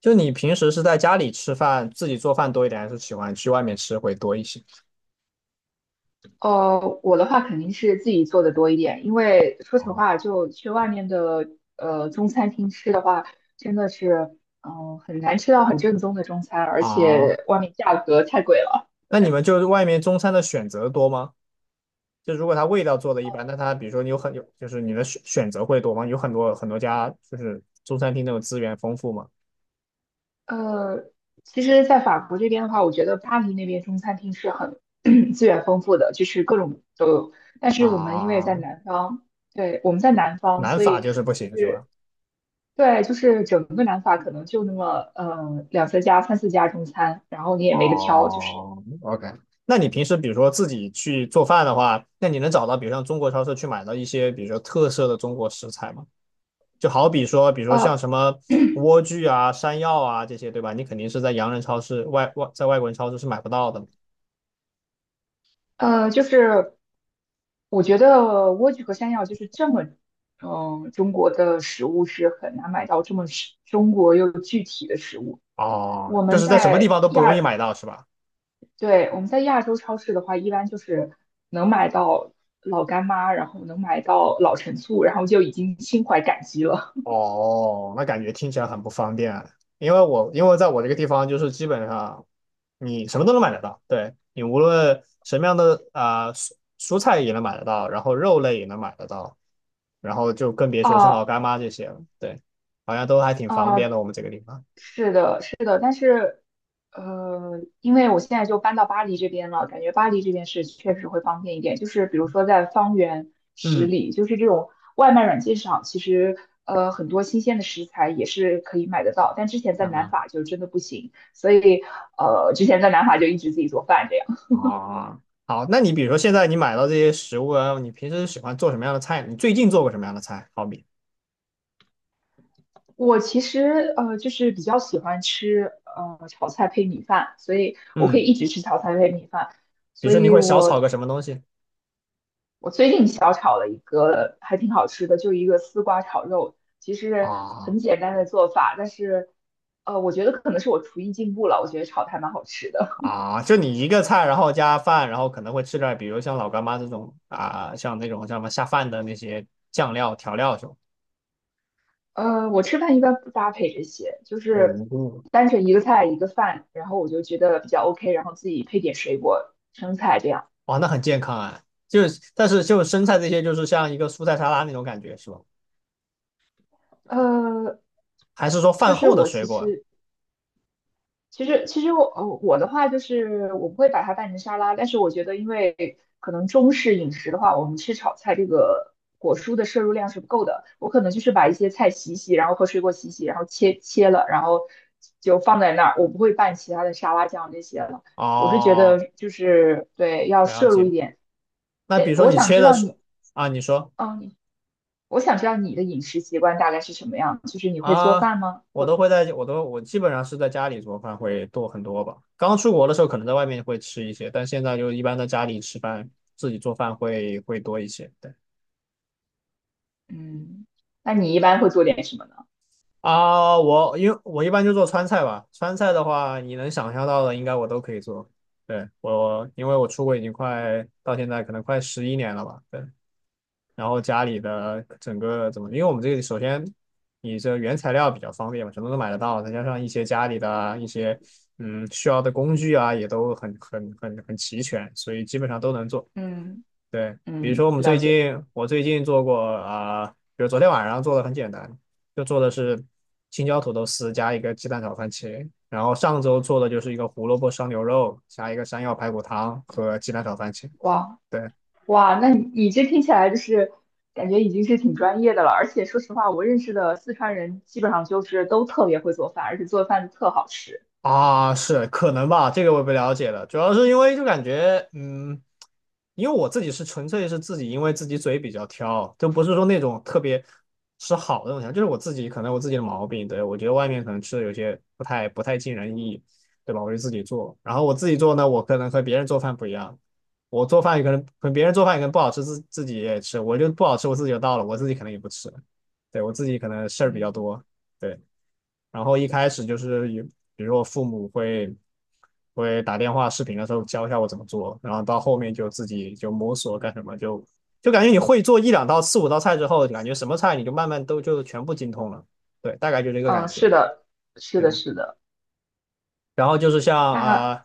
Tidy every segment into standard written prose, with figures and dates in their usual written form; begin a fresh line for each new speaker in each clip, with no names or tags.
就你平时是在家里吃饭，自己做饭多一点，还是喜欢去外面吃会多一些？
我的话肯定是自己做的多一点，因为说实
哦。
话，就去外面的中餐厅吃的话，真的是很难吃到很正宗的中餐，而
啊。
且外面价格太贵了。
那你们就是外面中餐的选择多吗？就如果它味道做的一般，那它比如说你有很有，就是你的选择会多吗？有很多很多家就是中餐厅那种资源丰富吗？
呃，其实，在法国这边的话，我觉得巴黎那边中餐厅是很 资源丰富的，就是各种都有。但是我们因为在
啊。
南方，对，我们在南方，
南
所
法
以
就是不行是吧？
对，就是整个南法可能就那么两三家、三四家中餐，然后你也没得挑，就是。
哦，OK。那你平时比如说自己去做饭的话，那你能找到比如像中国超市去买到一些比如说特色的中国食材吗？就好比说，比如说像
呃
什么莴苣啊、山药啊这些，对吧？你肯定是在洋人超市、外在外国人超市是买不到的。
就是我觉得莴苣和山药就是这么，嗯，中国的食物是很难买到这么是中国又具体的食物。
哦，
我
就
们
是在什么地
在
方都不
亚，
容易买到，是吧？
对，我们在亚洲超市的话，一般就是能买到老干妈，然后能买到老陈醋，然后就已经心怀感激了。
哦，那感觉听起来很不方便，因为因为在我这个地方，就是基本上你什么都能买得到，对你无论什么样的蔬菜也能买得到，然后肉类也能买得到，然后就更别说是老
啊
干妈这些了，对，好像都还挺方
啊、
便的，我们这个地方。
是的，是的，但是，因为我现在就搬到巴黎这边了，感觉巴黎这边是确实会方便一点。就是比如说在方圆十
嗯。
里，就是这种外卖软件上，其实很多新鲜的食材也是可以买得到，但之前在南
啊。
法就真的不行，所以之前在南法就一直自己做饭这样。
啊，好，那你比如说现在你买到这些食物啊，你平时喜欢做什么样的菜？你最近做过什么样的菜？好比，
我其实就是比较喜欢吃炒菜配米饭，所以我可以
嗯，
一直吃炒菜配米饭。
比如
所
说你
以
会小
我
炒个什么东西？
我最近小炒了一个还挺好吃的，就是一个丝瓜炒肉，其实
啊
很简单的做法，但是我觉得可能是我厨艺进步了，我觉得炒的还蛮好吃的。
啊，就你一个菜，然后加饭，然后可能会吃点儿比如像老干妈这种啊，像那种叫什么下饭的那些酱料调料什么。
我吃饭一般不搭配这些，就是
哦。
单纯一个菜一个饭，然后我就觉得比较 OK，然后自己配点水果、生菜这样。
哇，那很健康啊。就是但是就生菜这些，就是像一个蔬菜沙拉那种感觉是吧？
呃，
还是说
就
饭
是
后的
我
水
其
果啊？
实其实我我的话就是我不会把它拌成沙拉，但是我觉得，因为可能中式饮食的话，我们吃炒菜这个果蔬的摄入量是不够的。我可能就是把一些菜洗洗，然后和水果洗洗，然后切切了，然后就放在那儿，我不会拌其他的沙拉酱这些了。我是觉得
哦，
就是对，要
了
摄入一
解。
点。
那比
对，
如说
我
你
想
切
知
的
道
是。
你，
啊，你说。
嗯，你我想知道你的饮食习惯大概是什么样，就是你会做
啊，
饭吗？
我
会，
都会在，我都我基本上是在家里做饭会多很多吧。刚出国的时候可能在外面会吃一些，但现在就一般在家里吃饭，自己做饭会多一些。对。
嗯，那你一般会做点什么呢？
啊，因为我一般就做川菜吧，川菜的话你能想象到的应该我都可以做。对，因为我出国已经快到现在可能快11年了吧，对，然后家里的整个怎么，因为我们这个首先你这原材料比较方便嘛，什么都买得到，再加上一些家里的一些需要的工具啊，也都很齐全，所以基本上都能做。
嗯。
对，比如
嗯，
说
了解。
我最近做过比如昨天晚上做的很简单，就做的是青椒土豆丝加一个鸡蛋炒番茄，然后上周做的就是一个胡萝卜烧牛肉加一个山药排骨汤和鸡蛋炒番茄。
哇
对。
哇，那你你这听起来就是感觉已经是挺专业的了。而且说实话，我认识的四川人基本上就是都特别会做饭，而且做饭特好吃。
啊，是可能吧，这个我也不了解了。主要是因为就感觉，因为我自己是纯粹是自己，因为自己嘴比较挑，就不是说那种特别吃好的东西啊就是我自己可能我自己的毛病。对，我觉得外面可能吃的有些不太尽人意，对吧？我就自己做，然后我自己做呢，我可能和别人做饭不一样，我做饭也可能和别人做饭也可能不好吃，自己也吃，我就不好吃我自己就倒了，我自己可能也不吃，对，我自己可能事儿比较
嗯
多。对。然后一开始就是有，比如我父母会打电话视频的时候教一下我怎么做，然后到后面就自己就摸索干什么，就感觉你会做一两道、四五道菜之后，感觉什么菜你就慢慢都就全部精通了，对，大概就这个感
嗯，是
觉，
的，是
对。
的，是的。
然后就是
那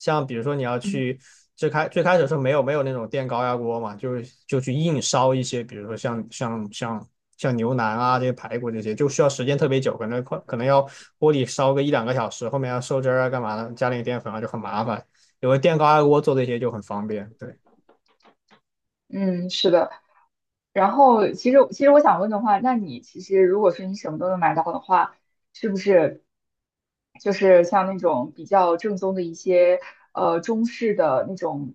像比如说你要
嗯
去最开始的时候没有那种电高压锅嘛，就是就去硬烧一些，比如说像牛腩啊这些排骨这些，就需要时间特别久，可能要锅里烧个一两个小时，后面要收汁儿啊干嘛的，加点淀粉啊就很麻烦。有个电高压锅做这些就很方便，对。
嗯，是的。然后，其实我想问的话，那你其实如果说你什么都能买到的话，是不是就是像那种比较正宗的一些中式的那种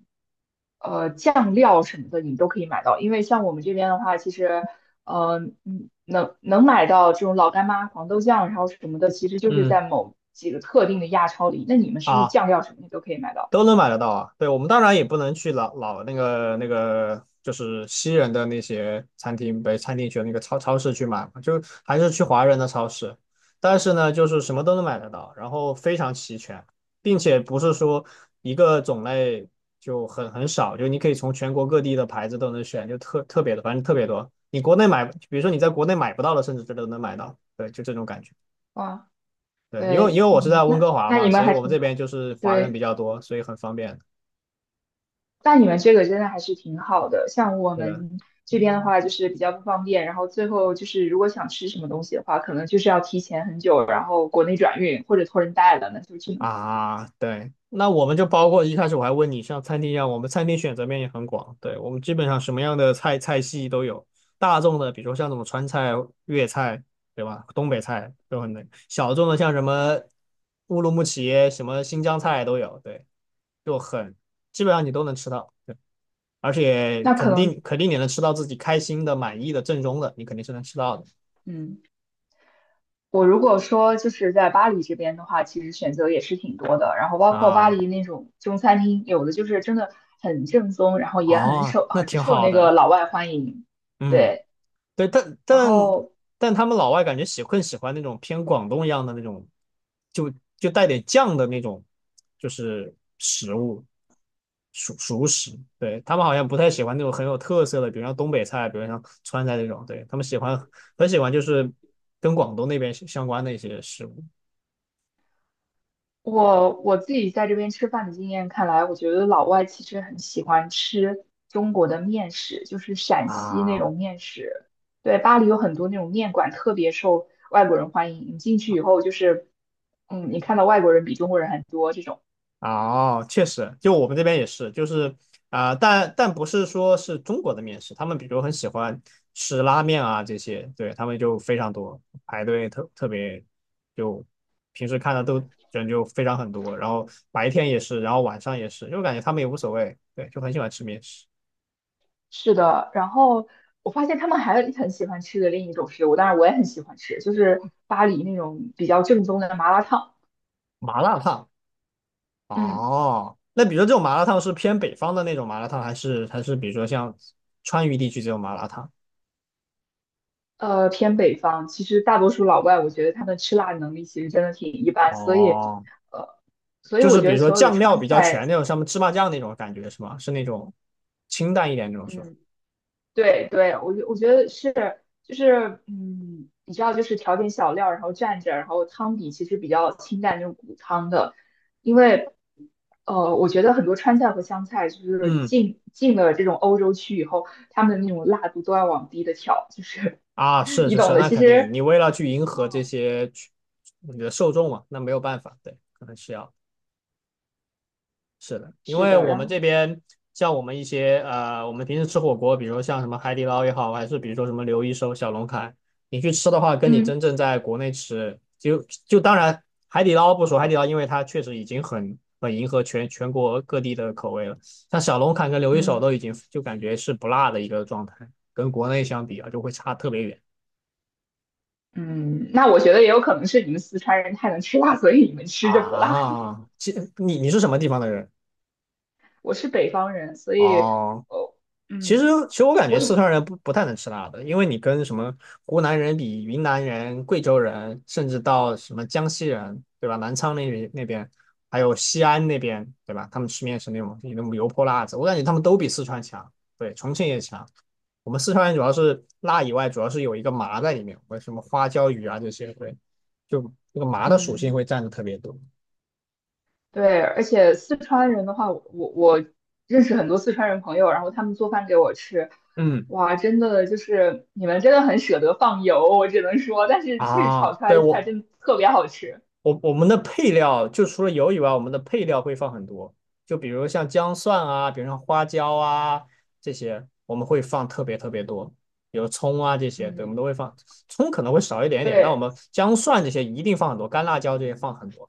酱料什么的，你都可以买到？因为像我们这边的话，其实呃能能买到这种老干妈、黄豆酱，然后什么的，其实就是
嗯。
在某几个特定的亚超里。那你们是不是
啊。
酱料什么的都可以买到？
都能买得到啊。对，我们当然也不能去那个，就是西人的那些餐厅，北餐厅去那个超市去买嘛，就还是去华人的超市。但是呢，就是什么都能买得到，然后非常齐全，并且不是说一个种类就很少，就你可以从全国各地的牌子都能选，就特别的，反正特别多。你国内买，比如说你在国内买不到的，甚至这都能买到。对，就这种感觉。
哇，
对，因为
对，
因为我是
嗯，
在温哥
那
华
那你
嘛，
们
所以
还
我们
挺
这
好，
边就是华人比
对。
较多，所以很方便。
那你们这个真的还是挺好的。像我
是的。
们这边的
嗯。
话，就是比较不方便，然后最后就是如果想吃什么东西的话，可能就是要提前很久，然后国内转运或者托人带了，那就只能
啊，对，那我们就包括一开始我还问你，像餐厅一样，我们餐厅选择面也很广，对，我们基本上什么样的菜系都有，大众的，比如说像什么川菜、粤菜，对吧？东北菜都很能，小众的像什么乌鲁木齐、什么新疆菜都有，对，就很基本上你都能吃到，对，而且
那可
肯
能
定肯定你能吃到自己开心的、满意的、正宗的，你肯定是能吃到的
嗯，我如果说就是在巴黎这边的话，其实选择也是挺多的，然后包括巴
啊。
黎那种中餐厅，有的就是真的很正宗，然后也很
哦，
受
那
很
挺
受
好
那个
的，
老外欢迎，
嗯。
对。
对，但
然
但
后
但他们老外感觉更喜欢那种偏广东一样的那种，就就带点酱的那种，就是食物熟食。对，他们好像不太喜欢那种很有特色的，比如像东北菜，比如像川菜这种。对，他们很喜欢就是跟广东那边相关的一些食物
我我自己在这边吃饭的经验看来，我觉得老外其实很喜欢吃中国的面食，就是陕西那
啊。
种面食。对，巴黎有很多那种面馆，特别受外国人欢迎。你进去以后，就是，嗯，你看到外国人比中国人很多这种。
哦，确实，就我们这边也是，就是但不是说是中国的面食，他们比如很喜欢吃拉面啊这些，对，他们就非常多，排队特别，就平时看的都人就非常很多，然后白天也是，然后晚上也是，就感觉他们也无所谓，对，就很喜欢吃面食，
是的，然后我发现他们还很喜欢吃的另一种食物，当然我也很喜欢吃，就是巴黎那种比较正宗的麻辣烫。
麻辣烫。
嗯。
哦，那比如说这种麻辣烫是偏北方的那种麻辣烫，还是比如说像川渝地区这种麻辣烫？
偏北方，其实大多数老外，我觉得他们吃辣能力其实真的挺一般，所以，
哦，
呃，所以
就
我
是
觉
比
得
如说
所有的
酱料
川
比较
菜，
全那种，像芝麻酱那种感觉是吗？是那种清淡一点那种是吧？
嗯，对对，我觉得是，就是，嗯，你知道，就是调点小料，然后蘸着，然后汤底其实比较清淡，就是骨汤的，因为，我觉得很多川菜和湘菜，就是
嗯，
进了这种欧洲区以后，他们的那种辣度都要往低的调，就是
啊，是
你
是
懂
是，
的，
那
其
肯定，
实
你为了去迎合这些你的受众嘛，那没有办法，对，可能是要。是的，因
是
为
的，
我
然
们这
后，
边像我们一些呃，我们平时吃火锅，比如像什么海底捞也好，还是比如说什么刘一手、小龙坎，你去吃的话，跟你
嗯
真正在国内吃，就当然海底捞不说，海底捞因为它确实已经很迎合全国各地的口味了，像小龙坎跟刘一手
嗯。
都已经就感觉是不辣的一个状态，跟国内相比啊，就会差特别远
嗯，那我觉得也有可能是你们四川人太能吃辣，所以你们吃着不辣。
啊。这你是什么地方的人？
我是北方人，所以，
哦，
哦，
其实，
嗯，
其实我感觉
我
四
以，
川人不太能吃辣的，因为你跟什么湖南人比、云南人、贵州人，甚至到什么江西人，对吧？南昌那边，还有西安那边，对吧？他们吃面是那种油泼辣子，我感觉他们都比四川强，对，重庆也强。我们四川人主要是辣以外，主要是有一个麻在里面，或者什么花椒鱼啊这些，对，就这个麻的属性
嗯，
会占的特别多。
对，而且四川人的话，我认识很多四川人朋友，然后他们做饭给我吃，
嗯。
哇，真的就是你们真的很舍得放油，我只能说，但是确实炒
啊，
出来
对
的菜
我。
真的特别好吃。
我们的配料就除了油以外，我们的配料会放很多，就比如像姜蒜啊，比如像花椒啊这些，我们会放特别特别多，比如葱啊这些，对，我们
嗯，
都会放。葱可能会少一点点，但我
对，
们姜蒜这些一定放很多，干辣椒这些放很多。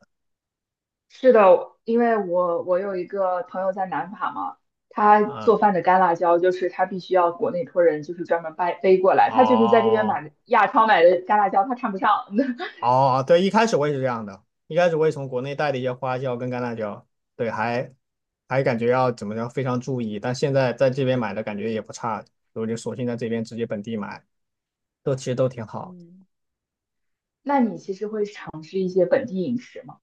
是的，因为我有一个朋友在南法嘛，他
嗯。
做饭的干辣椒就是他必须要国内托人就是专门掰背过来，他就是在这边买
哦
的亚超买的干辣椒，他看不上。
哦，对，一开始我也是这样的，一开始我也从国内带的一些花椒跟干辣椒，对，还感觉要怎么着非常注意，但现在在这边买的感觉也不差，我就索性在这边直接本地买。都其实都挺好。
嗯那你其实会尝试一些本地饮食吗？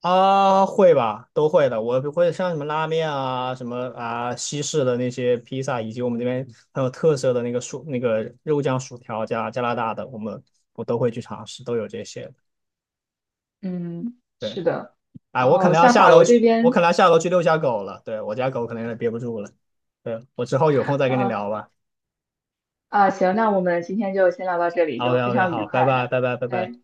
啊，会吧，都会的。我会像什么拉面啊，什么西式的那些披萨，以及我们这边很有特色的那个薯那个肉酱薯条加拿大的，我都会去尝试，都有这些。
嗯，
对，
是的。
哎，
然后像法国这
我
边，
可能要下楼去遛下狗了。对，我家狗可能有点憋不住了。对，我之后有空再跟你
啊
聊吧。
啊，行，那我们今天就先聊到这里，
OK
就非
OK,
常愉
好，拜
快
拜
的，
拜拜拜拜。
对。